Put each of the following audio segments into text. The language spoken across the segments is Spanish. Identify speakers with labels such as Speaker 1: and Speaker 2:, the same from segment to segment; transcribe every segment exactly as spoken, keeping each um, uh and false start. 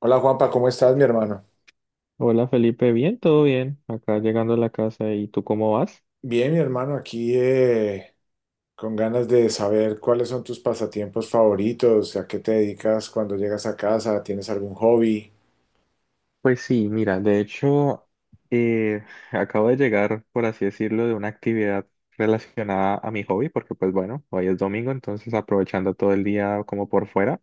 Speaker 1: Hola Juanpa, ¿cómo estás, mi hermano?
Speaker 2: Hola Felipe, bien, todo bien, acá llegando a la casa, ¿y tú cómo vas?
Speaker 1: Bien, mi hermano, aquí eh, con ganas de saber cuáles son tus pasatiempos favoritos, a qué te dedicas cuando llegas a casa, ¿tienes algún hobby?
Speaker 2: Pues sí, mira, de hecho, eh, acabo de llegar, por así decirlo, de una actividad relacionada a mi hobby, porque pues bueno, hoy es domingo, entonces aprovechando todo el día como por fuera.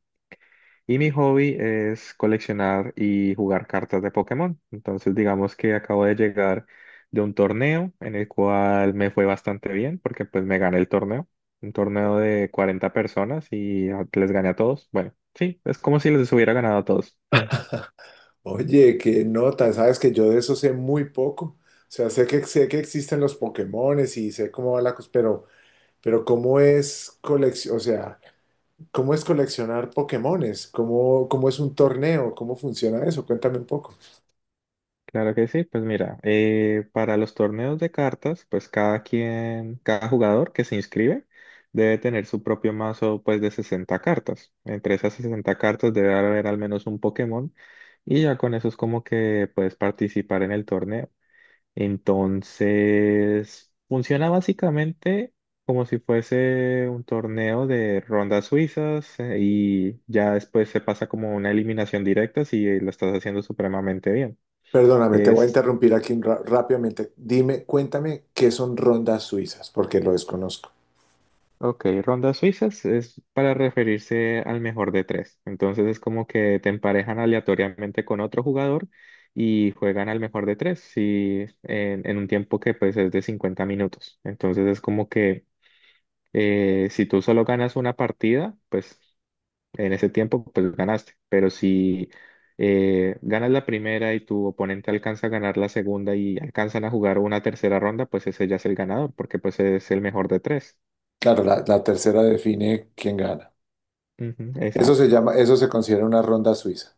Speaker 2: Y mi hobby es coleccionar y jugar cartas de Pokémon. Entonces, digamos que acabo de llegar de un torneo en el cual me fue bastante bien porque pues me gané el torneo. Un torneo de cuarenta personas y a- les gané a todos. Bueno, sí, es como si les hubiera ganado a todos.
Speaker 1: Oye, qué nota, sabes que yo de eso sé muy poco. O sea, sé que sé que existen los Pokémones y sé cómo va la cosa, pero pero cómo es colección, o sea, cómo es coleccionar Pokémones, cómo cómo es un torneo, cómo funciona eso, cuéntame un poco.
Speaker 2: Claro que sí, pues mira, eh, para los torneos de cartas, pues cada quien, cada jugador que se inscribe debe tener su propio mazo pues de sesenta cartas. Entre esas sesenta cartas debe haber al menos un Pokémon y ya con eso es como que puedes participar en el torneo. Entonces, funciona básicamente como si fuese un torneo de rondas suizas eh, y ya después se pasa como una eliminación directa si lo estás haciendo supremamente bien.
Speaker 1: Perdóname, te voy a interrumpir aquí ra- rápidamente. Dime, cuéntame qué son rondas suizas, porque lo desconozco.
Speaker 2: Ok, rondas suizas es para referirse al mejor de tres. Entonces es como que te emparejan aleatoriamente con otro jugador y juegan al mejor de tres si, en, en un tiempo que pues es de cincuenta minutos. Entonces es como que eh, si tú solo ganas una partida, pues en ese tiempo pues ganaste. Pero si eh, ganas la primera y tu oponente alcanza a ganar la segunda y alcanzan a jugar una tercera ronda, pues ese ya es el ganador porque pues es el mejor de tres.
Speaker 1: Claro, la, la tercera define quién gana.
Speaker 2: Ujú,
Speaker 1: Eso
Speaker 2: exacto.
Speaker 1: se llama, eso se considera una ronda suiza.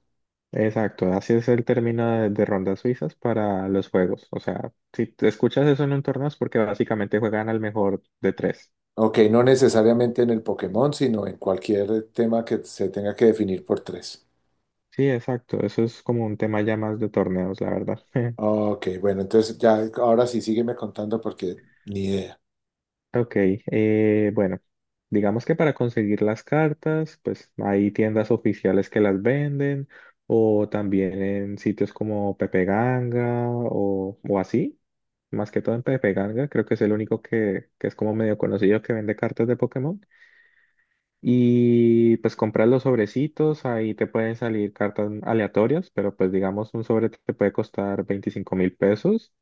Speaker 2: Exacto, así es el término de, de rondas suizas para los juegos. O sea, si te escuchas eso en un torneo es porque básicamente juegan al mejor de tres.
Speaker 1: Ok, no necesariamente en el Pokémon, sino en cualquier tema que se tenga que definir por tres.
Speaker 2: Sí, exacto, eso es como un tema ya más de torneos, la verdad.
Speaker 1: Ok, bueno, entonces ya, ahora sí sígueme contando porque ni idea.
Speaker 2: Ok, eh, bueno, digamos que para conseguir las cartas, pues hay tiendas oficiales que las venden o también en sitios como Pepe Ganga o, o así. Más que todo en Pepe Ganga, creo que es el único que, que es como medio conocido que vende cartas de Pokémon. Y pues compras los sobrecitos, ahí te pueden salir cartas aleatorias, pero pues digamos un sobre te puede costar veinticinco mil pesos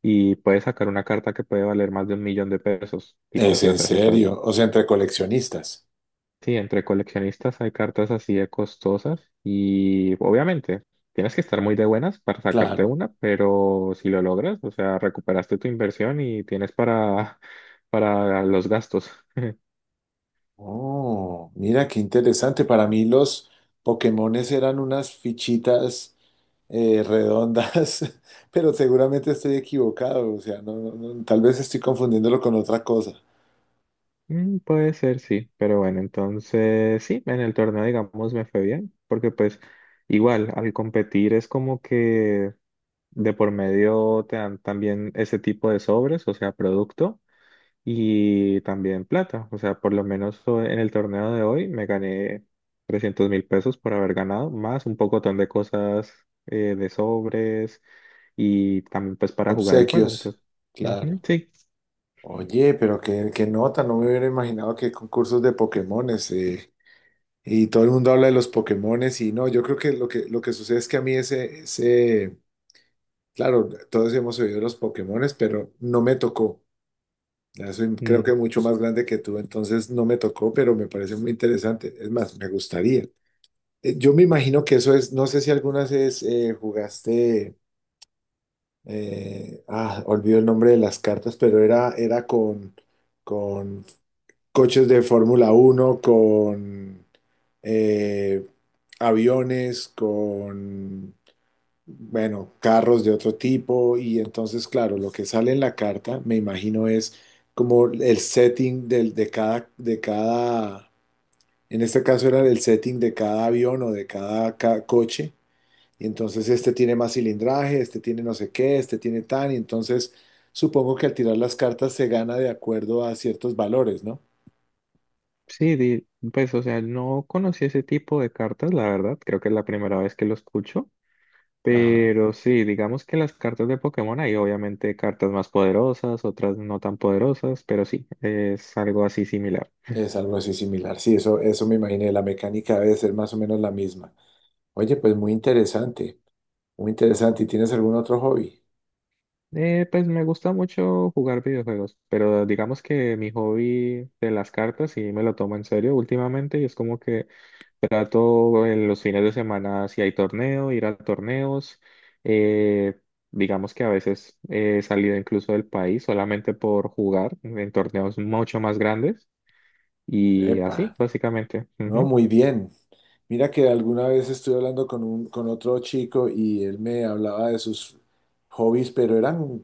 Speaker 2: y puedes sacar una carta que puede valer más de un millón de pesos, tipo
Speaker 1: Es
Speaker 2: así, o
Speaker 1: en
Speaker 2: sea, así está.
Speaker 1: serio, o sea, entre coleccionistas.
Speaker 2: Sí, entre coleccionistas hay cartas así de costosas y obviamente tienes que estar muy de buenas para sacarte
Speaker 1: Claro.
Speaker 2: una, pero si lo logras, o sea, recuperaste tu inversión y tienes para, para los gastos.
Speaker 1: Oh, mira qué interesante. Para mí los Pokémones eran unas fichitas eh, redondas, pero seguramente estoy equivocado. O sea, no, no- no, tal vez estoy confundiéndolo con otra cosa.
Speaker 2: Mm, puede ser, sí, pero bueno, entonces sí, en el torneo, digamos, me fue bien, porque pues igual al competir es como que de por medio te dan también ese tipo de sobres, o sea, producto y también plata, o sea, por lo menos o- en el torneo de hoy me gané trescientos mil pesos por haber ganado, más un pocotón de cosas eh, de sobres y también pues para jugar el juego,
Speaker 1: Obsequios,
Speaker 2: entonces,
Speaker 1: claro.
Speaker 2: ujú, sí.
Speaker 1: Oye, pero qué, qué nota, no me hubiera imaginado que concursos de Pokémones. Eh, y todo el mundo habla de los Pokémones y no, yo creo que lo que, lo que sucede es que a mí ese, ese, claro, todos hemos oído de los Pokémones, pero no me tocó. Ya soy, creo que mucho más grande que tú, entonces no me tocó, pero me parece muy interesante. Es más, me gustaría. Eh, Yo me imagino que eso es, no sé si algunas vez eh, jugaste, eh, ah, olvido el nombre de las cartas, pero era, era con, con coches de Fórmula uno con eh, aviones, con bueno, carros de otro tipo y entonces, claro, lo que sale en la carta, me imagino, es como el setting del, de cada, de cada, en este caso era el setting de cada avión o de cada, ca- coche, y entonces este tiene más cilindraje, este tiene no sé qué, este tiene tan, y entonces supongo que al tirar las cartas se gana de acuerdo a ciertos valores, ¿no?
Speaker 2: Sí, di- pues, o sea, no conocí ese tipo de cartas, la verdad, creo que es la primera vez que lo escucho,
Speaker 1: Ajá,
Speaker 2: pero sí, digamos que las cartas de Pokémon hay obviamente cartas más poderosas, otras no tan poderosas, pero sí, es algo así similar.
Speaker 1: es algo así similar. Sí, eso, eso me imaginé, la mecánica debe ser más o menos la misma. Oye, pues muy interesante. Muy interesante. ¿Y tienes algún otro hobby?
Speaker 2: Eh, pues me gusta mucho jugar videojuegos, pero digamos que mi hobby de las cartas sí me lo tomo en serio últimamente y es como que trato en los fines de semana si hay torneo, ir a torneos. eh, digamos que a veces he salido incluso del país solamente por jugar en torneos mucho más grandes y
Speaker 1: Epa,
Speaker 2: así, básicamente.
Speaker 1: no,
Speaker 2: Ujú.
Speaker 1: muy bien. Mira que alguna vez estuve hablando con un, con otro chico y él me hablaba de sus hobbies, pero eran,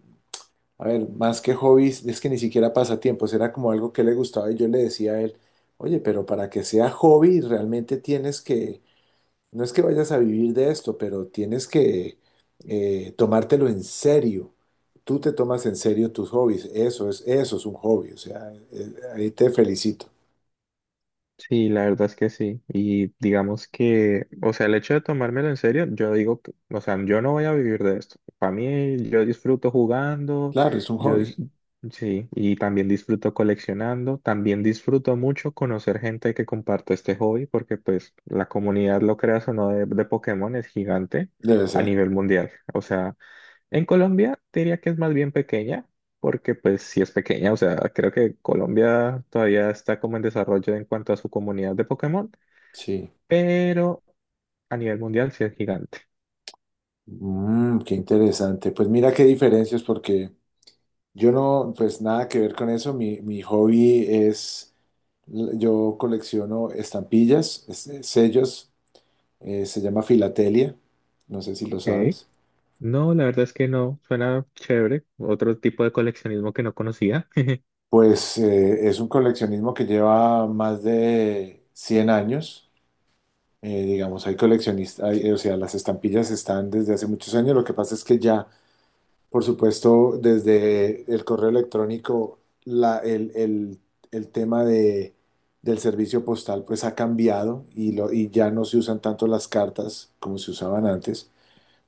Speaker 1: a ver, más que hobbies, es que ni siquiera pasatiempos, era como algo que le gustaba y yo le decía a él, oye, pero para que sea hobby realmente tienes que. No es que vayas a vivir de esto, pero tienes que eh, tomártelo en serio. Tú te tomas en serio tus hobbies. Eso es, eso es un hobby. O sea, eh, ahí te felicito.
Speaker 2: Sí, la verdad es que sí. Y digamos que, o sea, el hecho de tomármelo en serio, yo digo que, o sea, yo no voy a vivir de esto. Para mí, yo disfruto jugando,
Speaker 1: Claro, es un
Speaker 2: yo, dis-
Speaker 1: hobby.
Speaker 2: sí, y también disfruto coleccionando, también disfruto mucho conocer gente que comparte este hobby, porque pues la comunidad, lo creas o no, de, de Pokémon es gigante
Speaker 1: Debe
Speaker 2: a
Speaker 1: ser.
Speaker 2: nivel mundial. O sea, en Colombia te diría que es más bien pequeña, porque pues sí es pequeña, o sea, creo que Colombia todavía está como en desarrollo en cuanto a su comunidad de Pokémon,
Speaker 1: Sí.
Speaker 2: pero a nivel mundial sí es gigante.
Speaker 1: Mm, qué interesante. Pues mira qué diferencias, porque yo no, pues nada que ver con eso. Mi, mi hobby es, yo colecciono estampillas, es- sellos, eh, se llama filatelia. No sé si lo
Speaker 2: Ok.
Speaker 1: sabes.
Speaker 2: No, la verdad es que no, suena chévere, otro tipo de coleccionismo que no conocía.
Speaker 1: Pues eh, es un coleccionismo que lleva más de cien años. Eh, digamos, hay coleccionistas, hay- o sea, las estampillas están desde hace muchos años. Lo que pasa es que ya, por supuesto, desde el correo electrónico, la, el, el- el tema de, del servicio postal pues ha cambiado y, lo, y ya no se usan tanto las cartas como se usaban antes.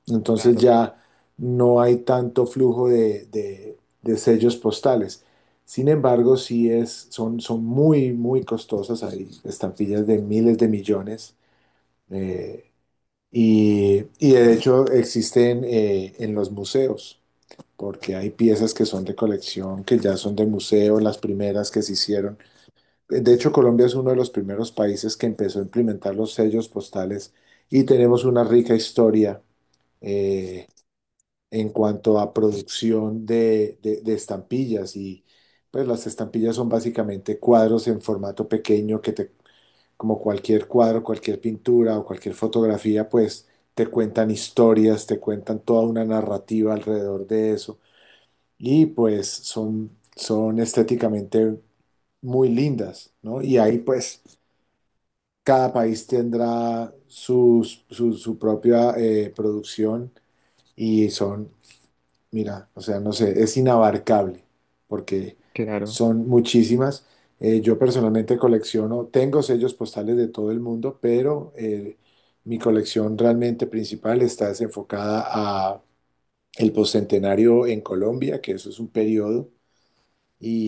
Speaker 1: Entonces
Speaker 2: Claro,
Speaker 1: ya no hay tanto flujo de, de- de sellos postales. Sin embargo, sí es, son, son muy, muy costosas. Hay estampillas de miles de millones. eh, y, y de hecho existen eh, en los museos, porque hay piezas que son de colección, que ya son de museo, las primeras que se hicieron. De hecho, Colombia es uno de los primeros países que empezó a implementar los sellos postales y tenemos una rica historia eh, en cuanto a producción de, de- de estampillas y pues las estampillas son básicamente cuadros en formato pequeño que te, como cualquier cuadro, cualquier pintura o cualquier fotografía, pues te cuentan historias, te cuentan toda una narrativa alrededor de eso y pues son, son estéticamente muy lindas, ¿no? Y ahí pues cada país tendrá sus- su, su propia eh, producción y son. Mira, o sea, no sé, es inabarcable porque
Speaker 2: claro.
Speaker 1: son muchísimas. Eh, yo personalmente colecciono, tengo sellos postales de todo el mundo, pero eh, mi colección realmente principal está desenfocada a el postcentenario en Colombia, que eso es un periodo,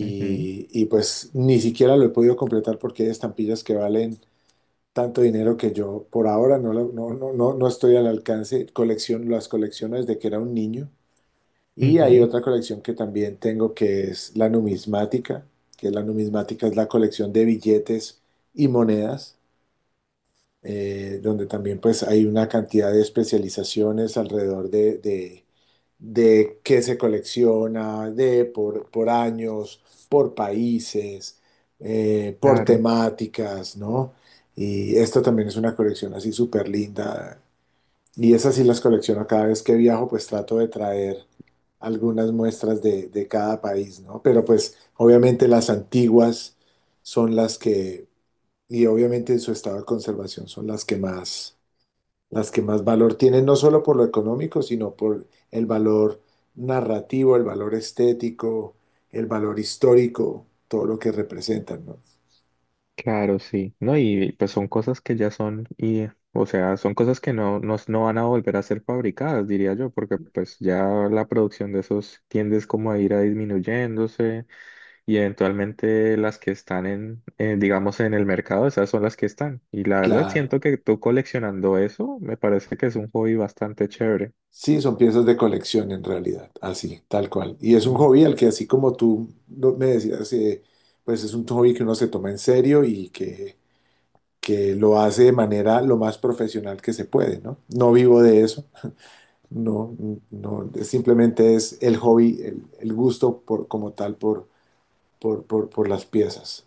Speaker 2: Ujú,
Speaker 1: y pues ni siquiera lo he podido completar porque hay estampillas que valen tanto dinero que yo por ahora no, la- no, no, no, no estoy al alcance. Colección, las colecciono desde que era un niño. Y hay
Speaker 2: ujú,
Speaker 1: otra colección que también tengo que es la numismática, que la numismática es la colección de billetes y monedas, eh, donde también pues hay una cantidad de especializaciones alrededor de, de, de qué se colecciona, de por, por años, por países, eh, por
Speaker 2: claro.
Speaker 1: temáticas, ¿no? Y esta también es una colección así súper linda y esas sí las colecciono cada vez que viajo, pues trato de traer algunas muestras de, de cada país, ¿no? Pero pues obviamente las antiguas son las que, y obviamente en su estado de conservación son las que más, las que más valor tienen, no solo por lo económico, sino por el valor narrativo, el valor estético, el valor histórico, todo lo que representan, ¿no?
Speaker 2: Claro, sí. No, y pues son cosas que ya son, y, o sea, son cosas que no, no, no van a volver a ser fabricadas, diría yo, porque pues ya la producción de esos tiendes como a ir a disminuyéndose y eventualmente las que están en, eh, digamos, en el mercado, esas son las que están. Y la verdad
Speaker 1: Claro.
Speaker 2: siento que tú coleccionando eso, me parece que es un hobby bastante chévere.
Speaker 1: Sí, son piezas de colección en realidad, así, tal cual. Y es un hobby al que así como tú no- me decías, eh, pues es un hobby que uno se toma en serio y que, que lo hace de manera lo más profesional que se puede, ¿no? No vivo de eso, no, no, simplemente es el hobby, el, el gusto por, como tal por, por, por, por las piezas.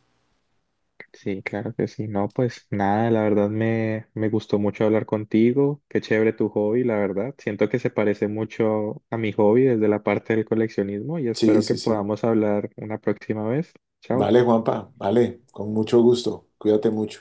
Speaker 2: Sí, claro que sí. No, pues nada, la verdad me, me gustó mucho hablar contigo. Qué chévere tu hobby, la verdad. Siento que se parece mucho a mi hobby desde la parte del coleccionismo y
Speaker 1: Sí,
Speaker 2: espero que
Speaker 1: sí, sí.
Speaker 2: podamos hablar una próxima vez. Chao.
Speaker 1: Vale, Juanpa, vale, con mucho gusto. Cuídate mucho.